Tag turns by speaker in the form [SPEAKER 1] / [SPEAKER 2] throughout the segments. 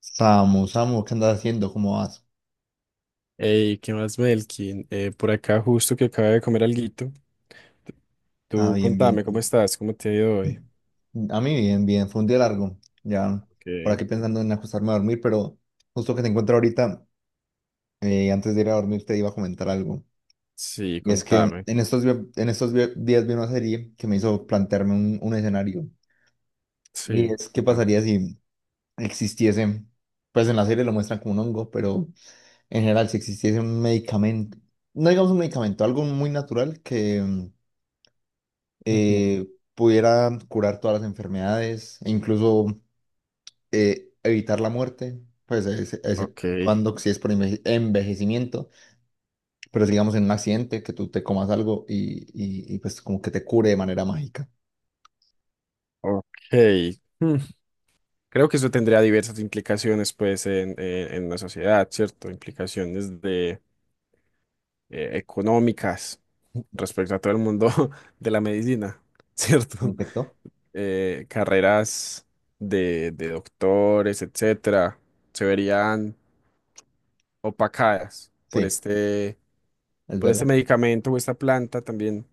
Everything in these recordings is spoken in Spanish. [SPEAKER 1] Samu, Samu, ¿qué andas haciendo? ¿Cómo vas?
[SPEAKER 2] Ey, ¿qué más, Melkin? Por acá justo que acaba de comer alguito.
[SPEAKER 1] Ah,
[SPEAKER 2] Tú
[SPEAKER 1] bien, bien.
[SPEAKER 2] contame, ¿cómo estás? ¿Cómo te ha ido hoy?
[SPEAKER 1] A mí bien, bien. Fue un día largo. Ya
[SPEAKER 2] Ok.
[SPEAKER 1] por aquí pensando en acostarme a dormir, pero justo que te encuentro ahorita, antes de ir a dormir te iba a comentar algo.
[SPEAKER 2] Sí,
[SPEAKER 1] Y es que en
[SPEAKER 2] contame.
[SPEAKER 1] estos, vi- en estos vi- días vi una serie que me hizo plantearme un escenario. Y
[SPEAKER 2] Sí,
[SPEAKER 1] es qué
[SPEAKER 2] contame.
[SPEAKER 1] pasaría si existiese, pues en la serie lo muestran como un hongo, pero en general si existiese un medicamento, no digamos un medicamento, algo muy natural que...
[SPEAKER 2] Ujú.
[SPEAKER 1] eh, pudiera curar todas las enfermedades e incluso evitar la muerte, pues ese
[SPEAKER 2] Ok,
[SPEAKER 1] cuando si es por envejecimiento, pero si, digamos en un accidente que tú te comas algo y, pues como que te cure de manera mágica.
[SPEAKER 2] ok. Hmm, Creo que eso tendría diversas implicaciones, pues, en la sociedad, ¿cierto? Implicaciones de económicas respecto a todo el mundo de la medicina,
[SPEAKER 1] ¿Me
[SPEAKER 2] ¿cierto?
[SPEAKER 1] infectó?
[SPEAKER 2] Carreras de doctores, etcétera, se verían opacadas por
[SPEAKER 1] Sí, es
[SPEAKER 2] por este
[SPEAKER 1] verdad.
[SPEAKER 2] medicamento o esta planta también.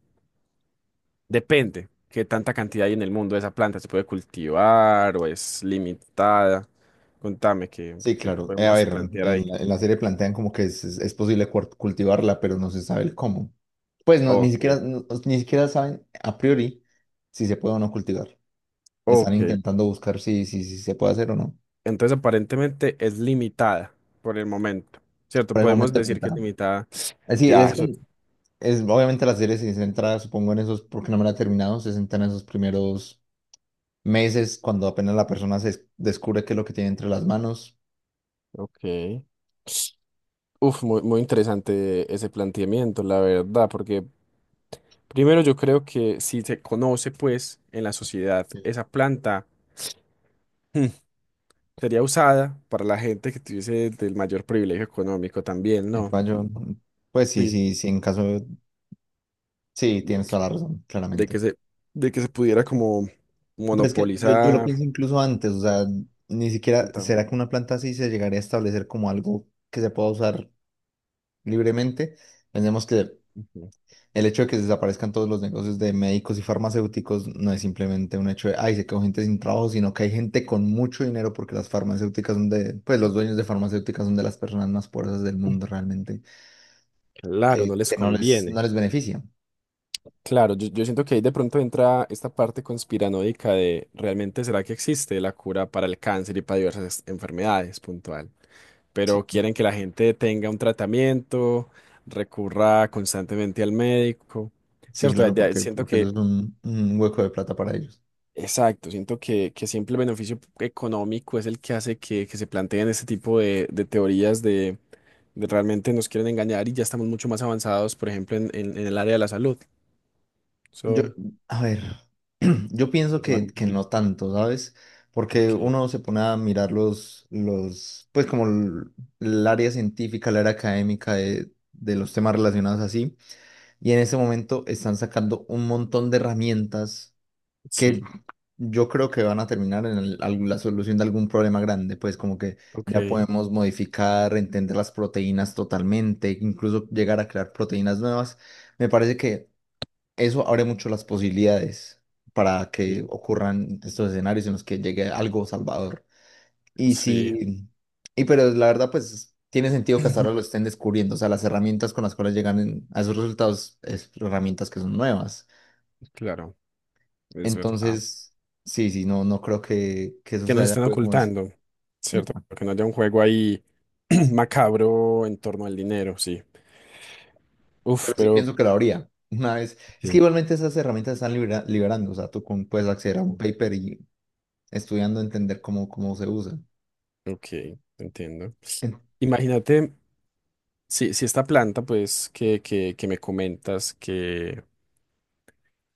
[SPEAKER 2] Depende qué tanta cantidad hay en el mundo de esa planta. ¿Se puede cultivar o es limitada? Contame,
[SPEAKER 1] Sí,
[SPEAKER 2] ¿qué
[SPEAKER 1] claro. A
[SPEAKER 2] podemos
[SPEAKER 1] ver,
[SPEAKER 2] plantear ahí?
[SPEAKER 1] en en la serie plantean como que es posible cultivarla, pero no se sabe el cómo. Pues no, ni
[SPEAKER 2] Ok,
[SPEAKER 1] siquiera, pues, ni siquiera saben a priori si se puede o no cultivar. Están
[SPEAKER 2] ok.
[SPEAKER 1] intentando buscar si se puede hacer o no.
[SPEAKER 2] Entonces, aparentemente es limitada por el momento, ¿cierto?
[SPEAKER 1] Por el
[SPEAKER 2] Podemos
[SPEAKER 1] momento
[SPEAKER 2] decir que es
[SPEAKER 1] limitado.
[SPEAKER 2] limitada.
[SPEAKER 1] Así
[SPEAKER 2] Ya,
[SPEAKER 1] es,
[SPEAKER 2] eso.
[SPEAKER 1] es obviamente la serie se centra, supongo, en esos, porque no me la he terminado, se centra en esos primeros meses cuando apenas la persona descubre qué es lo que tiene entre las manos.
[SPEAKER 2] Ok. Uf, muy interesante ese planteamiento, la verdad, porque primero yo creo que si se conoce, pues, en la sociedad,
[SPEAKER 1] Sí.
[SPEAKER 2] esa planta hmm, sería usada para la gente que tuviese del mayor privilegio económico también, ¿no?
[SPEAKER 1] Epa, yo, pues sí,
[SPEAKER 2] Sí,
[SPEAKER 1] sí, sí, en caso, sí, tienes toda la razón,
[SPEAKER 2] de
[SPEAKER 1] claramente.
[SPEAKER 2] que se, de que se pudiera como
[SPEAKER 1] Pero es que yo lo
[SPEAKER 2] monopolizar.
[SPEAKER 1] pienso incluso antes, o sea, ni siquiera,
[SPEAKER 2] tanta-
[SPEAKER 1] ¿será que una planta así se llegaría a establecer como algo que se pueda usar libremente? Pensemos que el hecho de que se desaparezcan todos los negocios de médicos y farmacéuticos no es simplemente un hecho de, ay, se quedó gente sin trabajo, sino que hay gente con mucho dinero porque las farmacéuticas son de, pues los dueños de farmacéuticas son de las personas más poderosas del mundo realmente,
[SPEAKER 2] Claro, no les
[SPEAKER 1] que
[SPEAKER 2] conviene.
[SPEAKER 1] no les beneficia.
[SPEAKER 2] Claro, yo siento que ahí de pronto entra esta parte conspiranoica de realmente será que existe la cura para el cáncer y para diversas enfermedades puntual.
[SPEAKER 1] Sí,
[SPEAKER 2] Pero quieren que la gente tenga un tratamiento, recurra constantemente al médico,
[SPEAKER 1] sí,
[SPEAKER 2] ¿cierto?
[SPEAKER 1] claro,
[SPEAKER 2] Siento
[SPEAKER 1] porque eso es un hueco de plata para ellos.
[SPEAKER 2] exacto, siento que siempre el beneficio económico es el que hace que se planteen este tipo de teorías de realmente nos quieren engañar y ya estamos mucho más avanzados, por ejemplo, en el área de la salud. Eso
[SPEAKER 1] Yo,
[SPEAKER 2] es
[SPEAKER 1] a ver, yo pienso
[SPEAKER 2] un tema
[SPEAKER 1] que
[SPEAKER 2] complejo.
[SPEAKER 1] no tanto, ¿sabes? Porque
[SPEAKER 2] Ok,
[SPEAKER 1] uno se pone a mirar pues como el área científica, el área académica de los temas relacionados así, y en ese momento están sacando un montón de herramientas que
[SPEAKER 2] sí,
[SPEAKER 1] yo creo que van a terminar en la solución de algún problema grande, pues como que
[SPEAKER 2] ok,
[SPEAKER 1] ya podemos modificar, entender las proteínas totalmente, incluso llegar a crear proteínas nuevas. Me parece que eso abre mucho las posibilidades para que
[SPEAKER 2] sí,
[SPEAKER 1] ocurran estos escenarios en los que llegue algo salvador. Y
[SPEAKER 2] sí,
[SPEAKER 1] sí, y pero la verdad, pues tiene sentido que hasta ahora lo estén descubriendo. O sea, las herramientas con las cuales llegan a esos resultados es herramientas que son nuevas.
[SPEAKER 2] claro, es verdad.
[SPEAKER 1] Entonces, sí, sí, no, no creo que eso
[SPEAKER 2] Que
[SPEAKER 1] se
[SPEAKER 2] nos
[SPEAKER 1] haya
[SPEAKER 2] están
[SPEAKER 1] podido como es.
[SPEAKER 2] ocultando, ¿cierto?
[SPEAKER 1] Epa.
[SPEAKER 2] Que no haya un juego ahí macabro en torno al dinero, sí.
[SPEAKER 1] Pero
[SPEAKER 2] Uf,
[SPEAKER 1] sí
[SPEAKER 2] pero,
[SPEAKER 1] pienso que lo habría. Una vez. Es que
[SPEAKER 2] sí.
[SPEAKER 1] igualmente esas herramientas están liberando. O sea, puedes acceder a un paper y estudiando entender cómo se usa.
[SPEAKER 2] Ok, entiendo.
[SPEAKER 1] En-
[SPEAKER 2] Imagínate, si esta planta, pues, que me comentas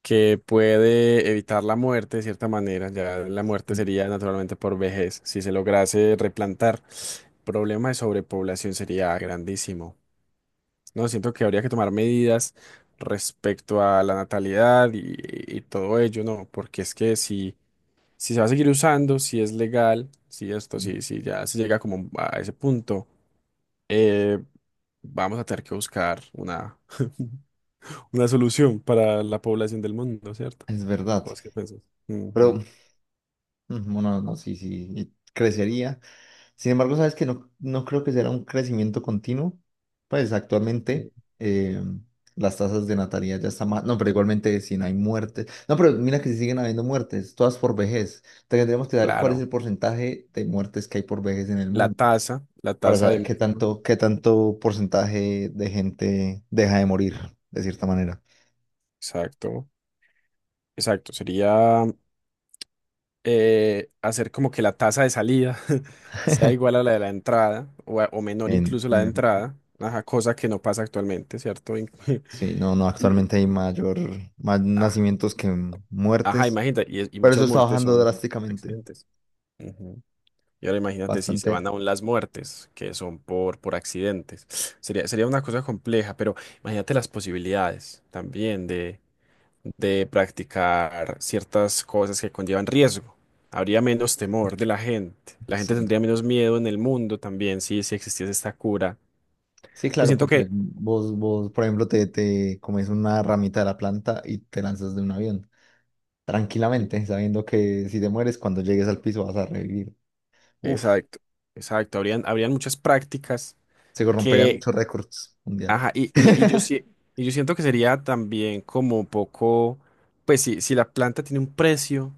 [SPEAKER 2] que puede evitar la muerte de cierta manera. Ya la muerte sería naturalmente por vejez. Si se lograse replantar, el problema de sobrepoblación sería grandísimo. No, siento que habría que tomar medidas respecto a la natalidad y todo ello, ¿no? Porque es que si, si se va a seguir usando, si es legal, si esto,
[SPEAKER 1] Mm.
[SPEAKER 2] si ya se llega como a ese punto, eh, vamos a tener que buscar una, una solución para la población del mundo, ¿cierto?
[SPEAKER 1] Es verdad,
[SPEAKER 2] ¿Cómo es que pensás?
[SPEAKER 1] pero
[SPEAKER 2] Ujú,
[SPEAKER 1] mm, bueno, no, sí, sí, y crecería. Sin embargo, sabes que no, no creo que sea un crecimiento continuo. Pues
[SPEAKER 2] ujú.
[SPEAKER 1] actualmente eh, las tasas de natalidad ya están más. No, pero igualmente si no hay muertes. No, pero mira que si siguen habiendo muertes, todas por vejez. Tendríamos que saber cuál es
[SPEAKER 2] Claro.
[SPEAKER 1] el porcentaje de muertes que hay por vejez en el mundo
[SPEAKER 2] La
[SPEAKER 1] para
[SPEAKER 2] tasa de
[SPEAKER 1] saber
[SPEAKER 2] México.
[SPEAKER 1] qué tanto porcentaje de gente deja de morir, de cierta manera.
[SPEAKER 2] Exacto, exacto. Sería hacer como que la tasa de salida sea igual a la de la entrada o menor incluso la
[SPEAKER 1] En
[SPEAKER 2] de
[SPEAKER 1] efecto.
[SPEAKER 2] entrada, ajá, cosa que no pasa actualmente, ¿cierto?
[SPEAKER 1] Sí, no, no,
[SPEAKER 2] Y,
[SPEAKER 1] actualmente hay mayor, más
[SPEAKER 2] ah,
[SPEAKER 1] nacimientos que
[SPEAKER 2] ajá,
[SPEAKER 1] muertes,
[SPEAKER 2] imagínate, y
[SPEAKER 1] pero eso
[SPEAKER 2] muchas
[SPEAKER 1] está
[SPEAKER 2] muertes
[SPEAKER 1] bajando
[SPEAKER 2] son
[SPEAKER 1] drásticamente,
[SPEAKER 2] accidentes. Y ahora imagínate si se van
[SPEAKER 1] bastante,
[SPEAKER 2] aún las muertes, que son por accidentes. Sería una cosa compleja, pero imagínate las posibilidades también de practicar ciertas cosas que conllevan riesgo. Habría menos temor de la gente. La gente
[SPEAKER 1] sí.
[SPEAKER 2] tendría menos miedo en el mundo también si, si existiese esta cura.
[SPEAKER 1] Sí,
[SPEAKER 2] Pues
[SPEAKER 1] claro,
[SPEAKER 2] siento que,
[SPEAKER 1] porque vos, por ejemplo, te comes una ramita de la planta y te lanzas de un avión, tranquilamente, sabiendo que si te mueres, cuando llegues al piso vas a revivir. Uf,
[SPEAKER 2] exacto, exacto, habrían, habrían muchas prácticas
[SPEAKER 1] se romperían
[SPEAKER 2] que,
[SPEAKER 1] muchos récords mundiales.
[SPEAKER 2] ajá, y, y, y yo, sí- y yo siento que sería también como un poco, pues si, si la planta tiene un precio.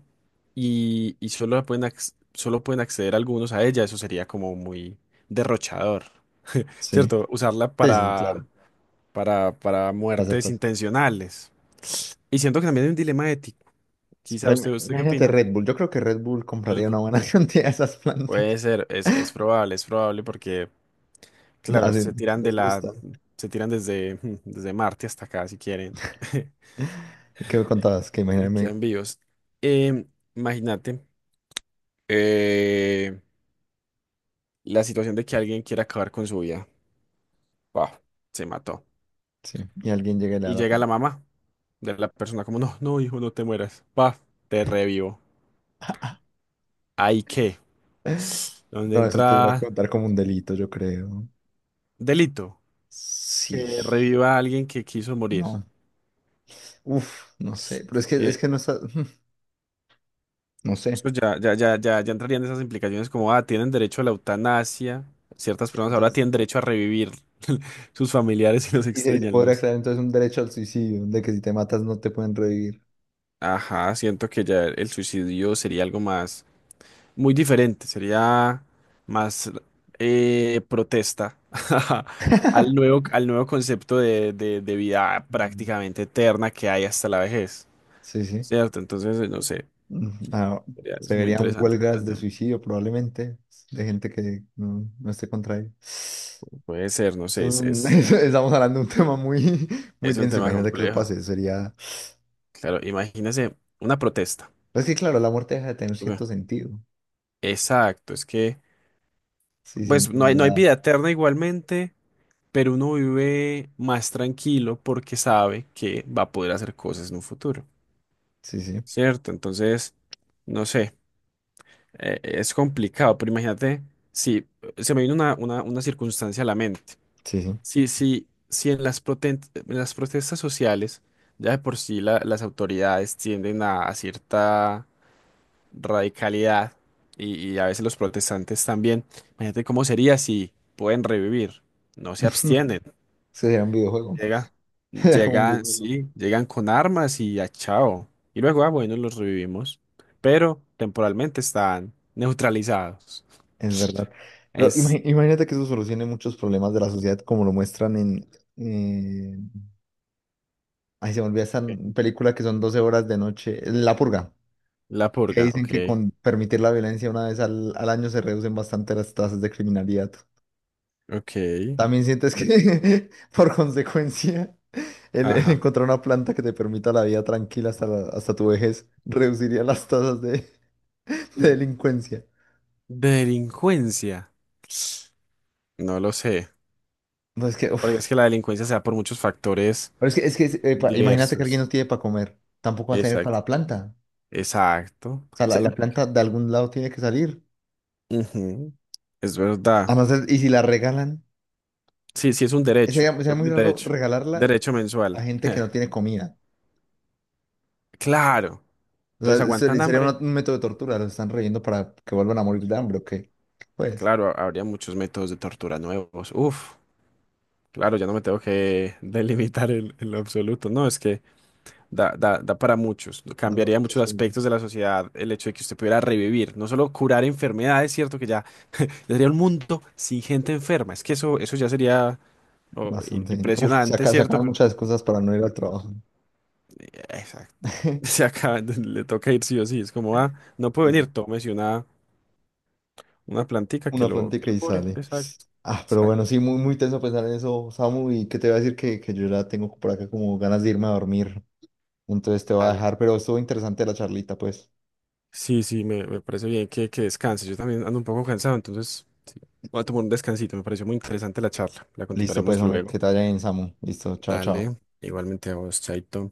[SPEAKER 2] Y solo solo pueden acceder algunos a ella, eso sería como muy derrochador,
[SPEAKER 1] Sí,
[SPEAKER 2] ¿cierto? Usarla
[SPEAKER 1] sí, sí, claro,
[SPEAKER 2] para
[SPEAKER 1] para hacer
[SPEAKER 2] muertes
[SPEAKER 1] cosas.
[SPEAKER 2] intencionales. Y siento que también hay un dilema ético. Quizá
[SPEAKER 1] Pero
[SPEAKER 2] usted, ¿usted qué
[SPEAKER 1] imagínate
[SPEAKER 2] opina?
[SPEAKER 1] Red Bull, yo creo que Red Bull compraría
[SPEAKER 2] Es
[SPEAKER 1] una
[SPEAKER 2] bu-
[SPEAKER 1] buena cantidad de esas plantas.
[SPEAKER 2] Puede ser, es probable porque, claro,
[SPEAKER 1] Así,
[SPEAKER 2] se tiran de
[SPEAKER 1] les
[SPEAKER 2] la,
[SPEAKER 1] gusta.
[SPEAKER 2] se tiran desde, desde Marte hasta acá si quieren
[SPEAKER 1] ¿Y qué me contabas? Que
[SPEAKER 2] y
[SPEAKER 1] imagíname,
[SPEAKER 2] quedan vivos. Em, Imagínate eh, la situación de que alguien quiera acabar con su vida. Paf, se mató.
[SPEAKER 1] sí, y alguien llegue y le da
[SPEAKER 2] Y
[SPEAKER 1] la
[SPEAKER 2] llega la
[SPEAKER 1] planta.
[SPEAKER 2] mamá de la persona como, no, no, hijo, no te mueras. Paf, te revivo. ¿Ahí qué? ¿Donde
[SPEAKER 1] No, eso tendría que
[SPEAKER 2] entra
[SPEAKER 1] contar como un delito, yo creo.
[SPEAKER 2] delito?
[SPEAKER 1] Sí,
[SPEAKER 2] Que reviva a alguien que quiso morir.
[SPEAKER 1] no. Uf, no sé, pero es
[SPEAKER 2] Que
[SPEAKER 1] que no está, no sé.
[SPEAKER 2] Pues ya, ya, ya, ya, ya entrarían esas implicaciones como, ah, tienen derecho a la eutanasia. Ciertas
[SPEAKER 1] Sí,
[SPEAKER 2] personas ahora
[SPEAKER 1] entonces,
[SPEAKER 2] tienen derecho a revivir sus familiares y los
[SPEAKER 1] y se
[SPEAKER 2] extrañan, ¿no?
[SPEAKER 1] podría crear entonces un derecho al suicidio, de que si te matas no te pueden revivir.
[SPEAKER 2] Ajá, siento que ya el suicidio sería algo más. Muy diferente, sería más protesta al nuevo concepto de vida
[SPEAKER 1] Mm.
[SPEAKER 2] prácticamente eterna que hay hasta la vejez,
[SPEAKER 1] Sí, sí.
[SPEAKER 2] ¿cierto? Entonces, no sé,
[SPEAKER 1] Mm, ah, se
[SPEAKER 2] es muy
[SPEAKER 1] verían
[SPEAKER 2] interesante ese
[SPEAKER 1] huelgas de
[SPEAKER 2] planteamiento.
[SPEAKER 1] suicidio probablemente, de gente que no, no esté contra él. Es
[SPEAKER 2] Puede ser, no sé,
[SPEAKER 1] un- Estamos hablando de un tema muy, muy
[SPEAKER 2] es un
[SPEAKER 1] denso.
[SPEAKER 2] tema
[SPEAKER 1] Imagínate que eso
[SPEAKER 2] complejo.
[SPEAKER 1] pase, sería.
[SPEAKER 2] Claro, imagínese una protesta.
[SPEAKER 1] Pues sí, claro, la muerte deja de tener
[SPEAKER 2] Ok.
[SPEAKER 1] cierto sentido.
[SPEAKER 2] Exacto, es que,
[SPEAKER 1] Sí, sí,
[SPEAKER 2] pues no
[SPEAKER 1] entiendo
[SPEAKER 2] hay, no hay
[SPEAKER 1] la-
[SPEAKER 2] vida eterna igualmente. Pero uno vive más tranquilo porque sabe que va a poder hacer cosas en un futuro.
[SPEAKER 1] Sí, sí,
[SPEAKER 2] ¿Cierto? Entonces, no sé, es complicado, pero imagínate, si se me vino una circunstancia a la mente.
[SPEAKER 1] sí, sí.
[SPEAKER 2] Si, si, si en en las protestas sociales, ya de por sí las autoridades tienden a cierta radicalidad y a veces los protestantes también, imagínate cómo sería si pueden revivir, no se
[SPEAKER 1] Eso
[SPEAKER 2] abstienen.
[SPEAKER 1] sería un videojuego.
[SPEAKER 2] Llega,
[SPEAKER 1] Era como un
[SPEAKER 2] llegan,
[SPEAKER 1] videojuego.
[SPEAKER 2] sí, llegan con armas y a chao. Y luego, ah, bueno, los revivimos. Pero temporalmente están neutralizados.
[SPEAKER 1] Es verdad. Pero
[SPEAKER 2] Es
[SPEAKER 1] imagínate que eso solucione muchos problemas de la sociedad como lo muestran en... eh, ay, se me olvida esta
[SPEAKER 2] ok.
[SPEAKER 1] película que son 12 horas de noche. La Purga.
[SPEAKER 2] La
[SPEAKER 1] Que
[SPEAKER 2] purga,
[SPEAKER 1] dicen
[SPEAKER 2] ok.
[SPEAKER 1] que con permitir la violencia una vez al año se reducen bastante las tasas de criminalidad.
[SPEAKER 2] Ok,
[SPEAKER 1] También sientes que, por consecuencia, el
[SPEAKER 2] ajá.
[SPEAKER 1] encontrar una planta que te permita la vida tranquila hasta, hasta tu vejez reduciría las tasas de, de delincuencia.
[SPEAKER 2] Delincuencia. No lo sé.
[SPEAKER 1] No, es que,
[SPEAKER 2] Porque
[SPEAKER 1] uf.
[SPEAKER 2] es que la delincuencia se da por muchos factores
[SPEAKER 1] Pero es que imagínate que alguien no
[SPEAKER 2] diversos.
[SPEAKER 1] tiene para comer, tampoco va a tener para
[SPEAKER 2] Exacto.
[SPEAKER 1] la planta.
[SPEAKER 2] Exacto.
[SPEAKER 1] O sea, la planta de algún lado tiene que salir.
[SPEAKER 2] Ujú, es
[SPEAKER 1] A
[SPEAKER 2] verdad.
[SPEAKER 1] no ser- y si la regalan,
[SPEAKER 2] Sí, sí, es un derecho.
[SPEAKER 1] sería,
[SPEAKER 2] Es
[SPEAKER 1] sería muy
[SPEAKER 2] un
[SPEAKER 1] raro
[SPEAKER 2] derecho.
[SPEAKER 1] regalarla
[SPEAKER 2] Derecho
[SPEAKER 1] a
[SPEAKER 2] mensual.
[SPEAKER 1] gente que no tiene comida.
[SPEAKER 2] Claro.
[SPEAKER 1] O
[SPEAKER 2] Entonces,
[SPEAKER 1] sea,
[SPEAKER 2] ¿aguantan
[SPEAKER 1] sería
[SPEAKER 2] hambre?
[SPEAKER 1] una- un método de tortura, los están reyendo para que vuelvan a morir de hambre, ¿o qué? Pues,
[SPEAKER 2] Claro, habría muchos métodos de tortura nuevos. Uf, claro, ya no me tengo que delimitar en lo absoluto. No, es que da, da, da para muchos.
[SPEAKER 1] da para
[SPEAKER 2] Cambiaría
[SPEAKER 1] muchas
[SPEAKER 2] muchos
[SPEAKER 1] cosas.
[SPEAKER 2] aspectos de la sociedad el hecho de que usted pudiera revivir. No solo curar enfermedades, cierto que ya, ya sería un mundo sin gente enferma. Es que eso ya sería oh,
[SPEAKER 1] Bastante. Bien. Uf,
[SPEAKER 2] impresionante, ¿cierto?
[SPEAKER 1] sacan
[SPEAKER 2] Pero
[SPEAKER 1] muchas excusas para no ir al trabajo.
[SPEAKER 2] exacto. Se acaba, le toca ir sí o sí. Es como, ah, no puede
[SPEAKER 1] Sí,
[SPEAKER 2] venir,
[SPEAKER 1] sí.
[SPEAKER 2] tómese una plantica
[SPEAKER 1] Una
[SPEAKER 2] que
[SPEAKER 1] plantica
[SPEAKER 2] lo
[SPEAKER 1] y
[SPEAKER 2] cubre.
[SPEAKER 1] sale.
[SPEAKER 2] Exacto.
[SPEAKER 1] Ah, pero bueno, sí, muy, muy tenso pensar en eso, Samu, y que te voy a decir que yo ya tengo por acá como ganas de irme a dormir. Entonces te voy a
[SPEAKER 2] Dale.
[SPEAKER 1] dejar, pero estuvo interesante la charlita, pues.
[SPEAKER 2] Sí, sí, me parece bien que descanses. Yo también ando un poco cansado, entonces sí, voy a tomar un descansito. Me pareció muy interesante la charla. La
[SPEAKER 1] Listo, pues,
[SPEAKER 2] continuaremos
[SPEAKER 1] hombre,
[SPEAKER 2] luego.
[SPEAKER 1] que te vaya bien, Samu. Listo, chao, chao.
[SPEAKER 2] Dale, igualmente a vos, Chaito.